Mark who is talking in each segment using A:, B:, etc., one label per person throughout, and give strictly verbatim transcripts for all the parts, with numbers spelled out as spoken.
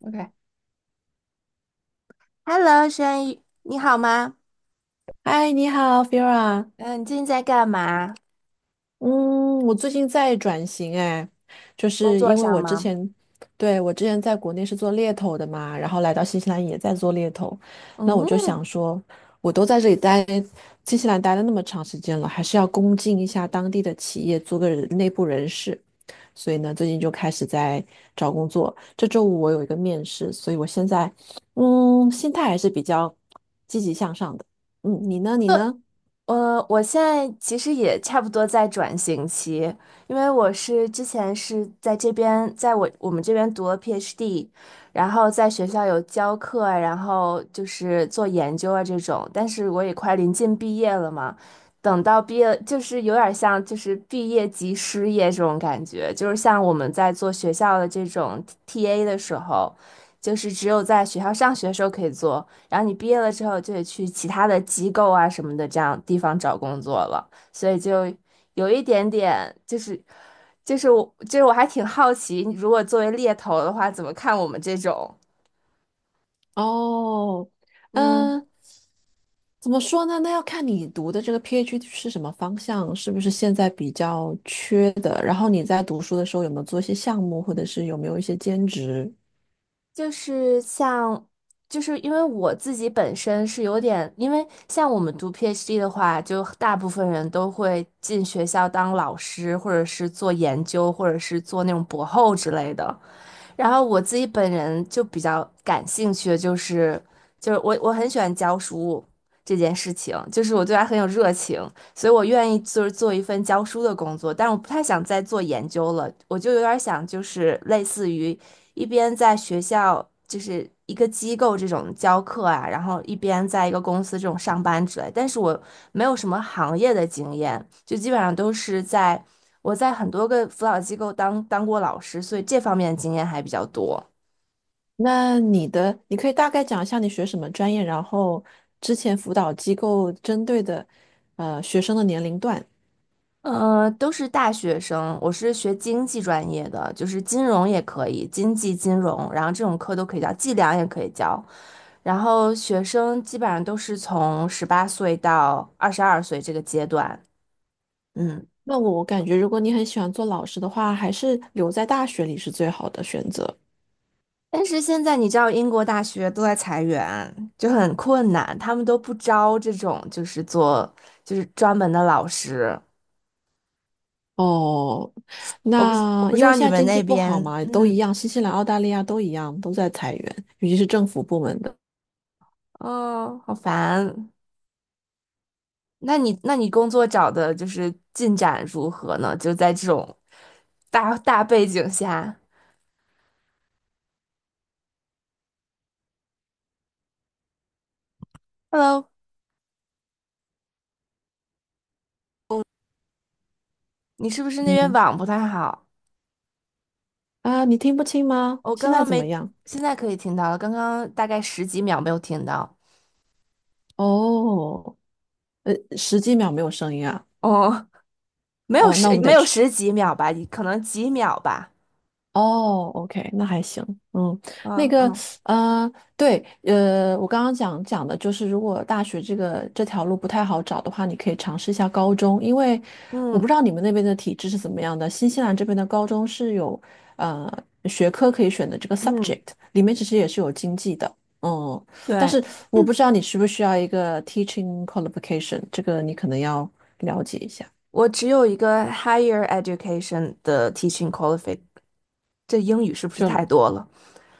A: OK。Hello，轩宇，你好吗？
B: 嗨，你好，Fira。
A: 嗯，你最近在干嘛？
B: 嗯，我最近在转型，哎，就
A: 工
B: 是
A: 作
B: 因为
A: 上
B: 我之
A: 吗？
B: 前，对，我之前在国内是做猎头的嘛，然后来到新西兰也在做猎头，那我就
A: 嗯，
B: 想说，我都在这里待，新西兰待了那么长时间了，还是要恭敬一下当地的企业，做个人内部人士。所以呢，最近就开始在找工作。这周五我有一个面试，所以我现在，嗯，心态还是比较积极向上的。嗯，你呢？你
A: 就
B: 呢？
A: 呃，我现在其实也差不多在转型期，因为我是之前是在这边，在我我们这边读了 PhD，然后在学校有教课啊然后就是做研究啊这种，但是我也快临近毕业了嘛，等到毕业就是有点像就是毕业即失业这种感觉，就是像我们在做学校的这种 T A 的时候，就是只有在学校上学的时候可以做。然后你毕业了之后就得去其他的机构啊什么的这样地方找工作了，所以就有一点点就是就是我就是我还挺好奇，如果作为猎头的话，怎么看我们这种？
B: 哦，
A: 嗯，
B: 嗯，怎么说呢？那要看你读的这个 PhD 是什么方向，是不是现在比较缺的？然后你在读书的时候有没有做一些项目，或者是有没有一些兼职？
A: 就是像，就是因为我自己本身是有点，因为像我们读 PhD 的话，就大部分人都会进学校当老师，或者是做研究，或者是做那种博后之类的。然后我自己本人就比较感兴趣的就是，就是我我很喜欢教书这件事情，就是我对它很有热情，所以我愿意就是做一份教书的工作，但我不太想再做研究了，我就有点想就是类似于一边在学校就是一个机构这种教课啊，然后一边在一个公司这种上班之类，但是我没有什么行业的经验，就基本上都是在。我在很多个辅导机构当当过老师，所以这方面的经验还比较多。
B: 那你的，你可以大概讲一下你学什么专业，然后之前辅导机构针对的，呃，学生的年龄段。
A: 嗯，都是大学生，我是学经济专业的，就是金融也可以，经济金融，然后这种课都可以教，计量也可以教。然后学生基本上都是从十八岁到二十二岁这个阶段，嗯。
B: 那我我感觉，如果你很喜欢做老师的话，还是留在大学里是最好的选择。
A: 但是现在你知道，英国大学都在裁员，就很困难，他们都不招这种就是做就是专门的老师，
B: 哦，
A: 我不是我
B: 那
A: 不知
B: 因为
A: 道
B: 现
A: 你
B: 在
A: 们
B: 经济
A: 那
B: 不好
A: 边，
B: 嘛，都一
A: 嗯，
B: 样，新西兰、澳大利亚都一样，都在裁员，尤其是政府部门的。
A: 哦，好烦。那你那你工作找的就是进展如何呢？就在这种大大背景下，Hello，你是不是那边
B: 嗯
A: 网不太好？
B: 啊，你听不清吗？
A: 我
B: 现
A: 刚
B: 在
A: 刚
B: 怎么
A: 没，
B: 样？
A: 现在可以听到了，刚刚大概十几秒没有听到。
B: 哦，呃，十几秒没有声音啊。
A: 哦，没有
B: 哦，
A: 十
B: 那我们
A: 没
B: 得
A: 有
B: 吃。
A: 十几秒吧，可能几秒吧。
B: 哦，OK，那还行，嗯，那
A: 嗯
B: 个，
A: 嗯
B: 呃，对，呃，我刚刚讲讲的就是，如果大学这个这条路不太好找的话，你可以尝试一下高中，因为我不
A: 嗯
B: 知道你们那边的体制是怎么样的，新西兰这边的高中是有呃学科可以选的这个
A: 嗯，
B: subject，里面其实也是有经济的，嗯，但
A: 对，
B: 是我不知道你需不需要一个 teaching qualification，这个你可能要了解一下。
A: 我只有一个 higher education 的 teaching qualification。这英语是不是
B: 就
A: 太多了？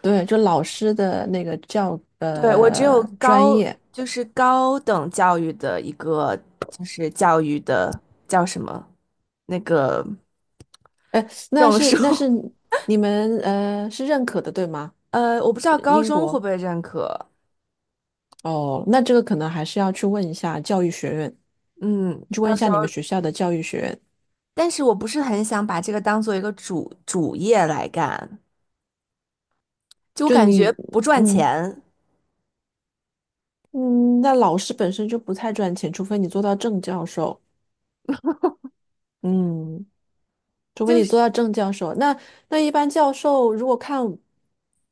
B: 对，就老师的那个教
A: 对，我只有
B: 呃专
A: 高，
B: 业。
A: 就是高等教育的一个，就是教育的叫什么那个
B: 哎，那
A: 证
B: 是那是
A: 书。
B: 你们呃是认可的，对吗？
A: 呃，我不知道
B: 呃
A: 高
B: 英
A: 中会
B: 国
A: 不会认可。
B: 哦，那这个可能还是要去问一下教育学院，
A: 嗯，
B: 去问
A: 到
B: 一
A: 时
B: 下
A: 候，
B: 你们学校的教育学院。
A: 但是我不是很想把这个当做一个主主业来干，就我
B: 就
A: 感
B: 你，
A: 觉不赚
B: 嗯
A: 钱，
B: 嗯，那老师本身就不太赚钱，除非你做到正教授，嗯，除非
A: 就
B: 你
A: 是
B: 做到正教授。那那一般教授如果看，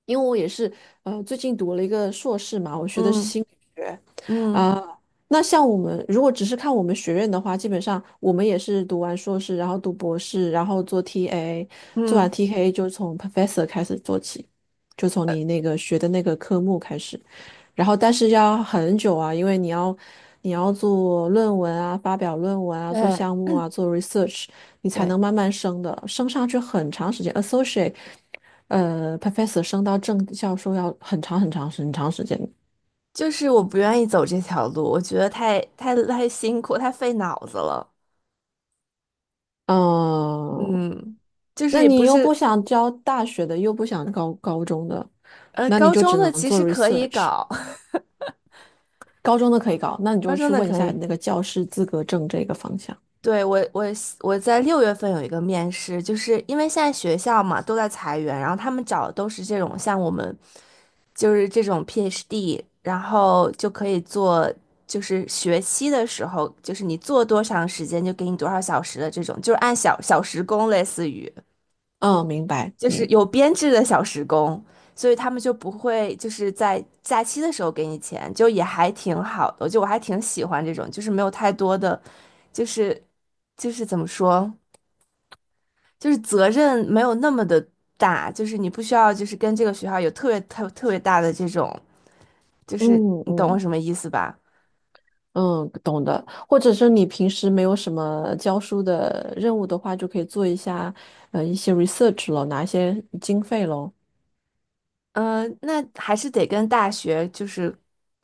B: 因为我也是呃最近读了一个硕士嘛，我学的是
A: 嗯
B: 心理学。
A: 嗯
B: 啊，那像我们如果只是看我们学院的话，基本上我们也是读完硕士，然后读博士，然后做 T A，做完
A: 嗯，
B: T A 就从 professor 开始做起，就从你那个学的那个科目开始，然后但是要很久啊，因为你要你要做论文啊，发表论文啊，做
A: 对
B: 项目啊，做 research，你才
A: 对，
B: 能慢慢升的，升上去很长时间，associate，呃，professor 升到正教授要很长很长很长时间。
A: 就是我不愿意走这条路，我觉得太太太辛苦，太费脑子了。
B: 嗯，
A: 嗯，就是
B: 那
A: 也
B: 你
A: 不
B: 又不
A: 是，
B: 想教大学的，又不想高高中的，
A: 呃，
B: 那你
A: 高
B: 就
A: 中
B: 只
A: 的
B: 能
A: 其
B: 做
A: 实可以
B: research。
A: 搞，
B: 高中的可以搞，那你
A: 高
B: 就
A: 中
B: 去
A: 的
B: 问一
A: 可
B: 下
A: 以。
B: 那个教师资格证这个方向。
A: 对，我，我我在六月份有一个面试，就是因为现在学校嘛都在裁员，然后他们找的都是这种像我们，就是这种 PhD，然后就可以做，就是学期的时候，就是你做多长时间就给你多少小时的这种，就是按小小时工类似于。
B: 嗯，明白。
A: 就是有编制的小时工，所以他们就不会就是在假期的时候给你钱，就也还挺好的。我觉我还挺喜欢这种，就是没有太多的，就是就是怎么说，就是责任没有那么的大，就是你不需要就是跟这个学校有特别特特别大的这种，就是
B: 嗯
A: 你懂我
B: 嗯。
A: 什么意思吧？
B: 嗯，懂的。或者是你平时没有什么教书的任务的话，就可以做一下呃一些 research 咯，拿一些经费咯。
A: 嗯，那还是得跟大学就是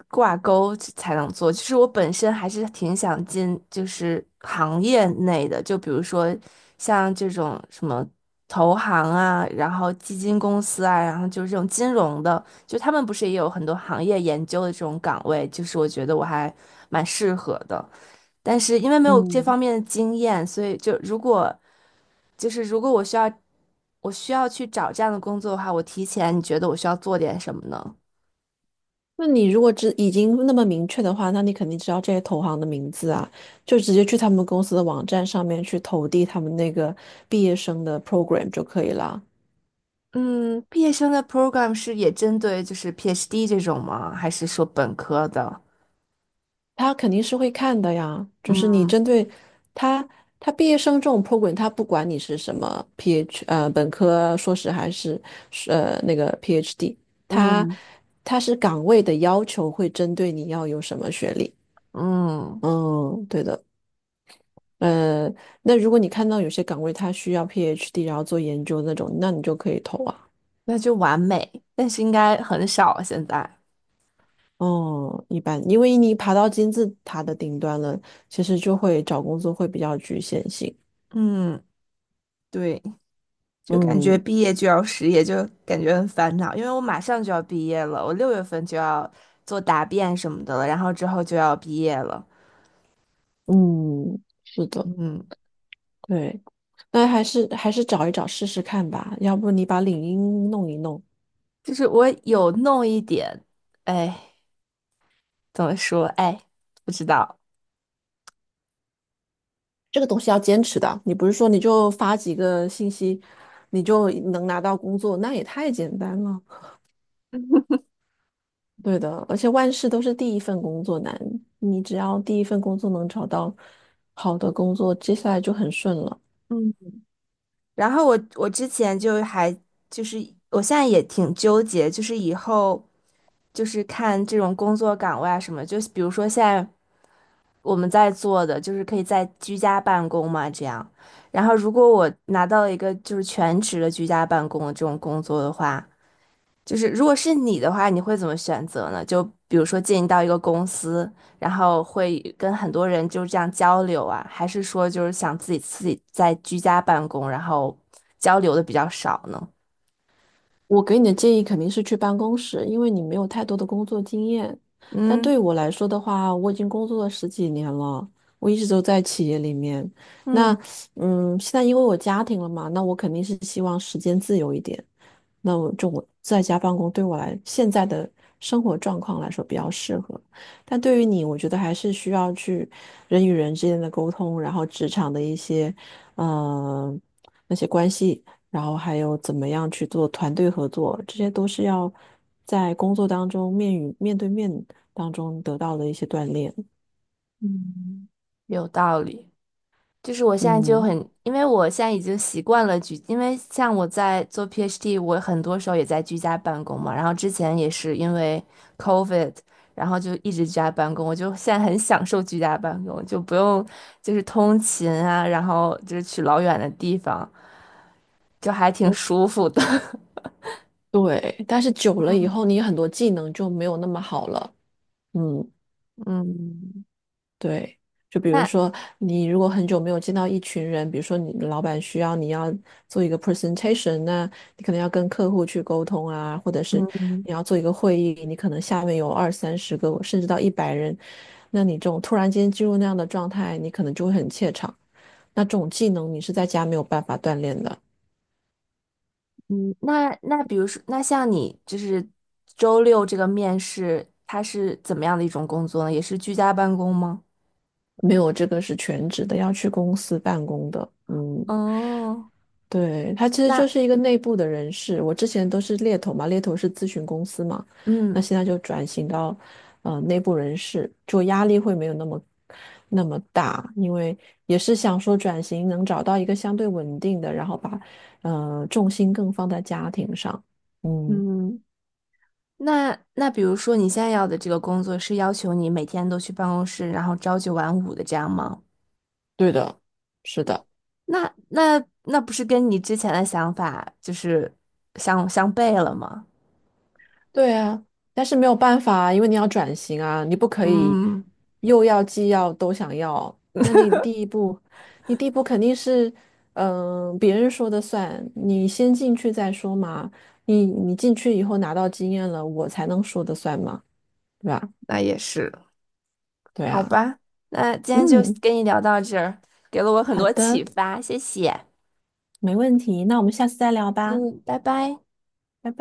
A: 挂钩才能做。其实我本身还是挺想进就是行业内的，就比如说像这种什么投行啊，然后基金公司啊，然后就是这种金融的，就他们不是也有很多行业研究的这种岗位，就是我觉得我还蛮适合的。但是因为没有这方
B: 嗯，
A: 面的经验，所以就如果就是如果我需要，我需要去找这样的工作的话，我提前你觉得我需要做点什么呢？
B: 那你如果知已经那么明确的话，那你肯定知道这些投行的名字啊，就直接去他们公司的网站上面去投递他们那个毕业生的 program 就可以了。
A: 嗯，毕业生的 program 是也针对就是 PhD 这种吗？还是说本科的？
B: 他肯定是会看的呀，就是你
A: 嗯
B: 针对他，他毕业生这种 program，他不管你是什么 PH 呃本科、硕士还是呃那个 PhD，他
A: 嗯
B: 他是岗位的要求会针对你要有什么学历。
A: 嗯，
B: 嗯，对的。呃，那如果你看到有些岗位他需要 PhD，然后做研究那种，那你就可以投啊。
A: 那就完美，但是应该很少现在。
B: 哦，一般，因为你爬到金字塔的顶端了，其实就会找工作会比较局限性。
A: 嗯，对，就感觉
B: 嗯。
A: 毕业就要失业，就感觉很烦恼，因为我马上就要毕业了，我六月份就要做答辩什么的了，然后之后就要毕业了。
B: 嗯，是的，
A: 嗯，
B: 对，那还是还是找一找试试看吧，要不你把领英弄一弄，
A: 就是我有弄一点，哎，怎么说？哎，不知道。
B: 这个东西要坚持的，你不是说你就发几个信息，你就能拿到工作，那也太简单了。对的，而且万事都是第一份工作难，你只要第一份工作能找到好的工作，接下来就很顺了。
A: 嗯，然后我我之前就还就是我现在也挺纠结，就是以后就是看这种工作岗位啊什么，就比如说现在我们在做的就是可以在居家办公嘛这样，然后如果我拿到了一个就是全职的居家办公的这种工作的话，就是如果是你的话，你会怎么选择呢？就比如说进到一个公司，然后会跟很多人就这样交流啊，还是说就是想自己自己在居家办公，然后交流的比较少呢？
B: 我给你的建议肯定是去办公室，因为你没有太多的工作经验。但
A: 嗯
B: 对我来说的话，我已经工作了十几年了，我一直都在企业里面。那，
A: 嗯，
B: 嗯，现在因为我家庭了嘛，那我肯定是希望时间自由一点。那我就我在家办公，对我来现在的生活状况来说比较适合。但对于你，我觉得还是需要去人与人之间的沟通，然后职场的一些，嗯，那些关系。然后还有怎么样去做团队合作，这些都是要在工作当中面与面对面当中得到的一些锻炼。
A: 有道理。就是我现在就
B: 嗯，
A: 很，因为我现在已经习惯了居，因为像我在做 PhD，我很多时候也在居家办公嘛。然后之前也是因为 COVID，然后就一直居家办公，我就现在很享受居家办公，就不用就是通勤啊，然后就是去老远的地方，就还挺舒服的。
B: 对，但是久了以后，你很多技能就没有那么好了。嗯，
A: 嗯，
B: 对，就比如
A: 那
B: 说，你如果很久没有见到一群人，比如说你的老板需要你要做一个 presentation，那你可能要跟客户去沟通啊，或者是
A: 嗯
B: 你要做一个会议，你可能下面有二三十个，甚至到一百人，那你这种突然间进入那样的状态，你可能就会很怯场。那这种技能你是在家没有办法锻炼的，
A: 嗯，那那比如说，那像你就是周六这个面试，它是怎么样的一种工作呢？也是居家办公吗？
B: 没有这个是全职的，要去公司办公的，嗯，
A: 哦，
B: 对，他其实就
A: 那
B: 是一个内部的人事。我之前都是猎头嘛，猎头是咨询公司嘛，那
A: 嗯
B: 现在就转型到呃内部人事，就压力会没有那么那么大，因为也是想说转型能找到一个相对稳定的，然后把呃重心更放在家庭上。嗯，
A: 嗯，那那比如说你现在要的这个工作是要求你每天都去办公室，然后朝九晚五的这样吗？
B: 对的，是的。
A: 那那那不是跟你之前的想法就是相相悖了吗？
B: 对啊，但是没有办法啊，因为你要转型啊，你不可以
A: 嗯，
B: 又要既要都想要。那你第一步，你第一步肯定是，嗯、别人说的算，你先进去再说嘛。你你进去以后拿到经验了，我才能说的算嘛，对吧？
A: 那也是，
B: 对
A: 好
B: 啊，
A: 吧。那今天就
B: 嗯，
A: 跟你聊到这儿，给了我很
B: 好
A: 多启
B: 的，
A: 发，谢谢。
B: 没问题，那我们下次再聊吧，
A: 嗯，拜拜。
B: 拜拜。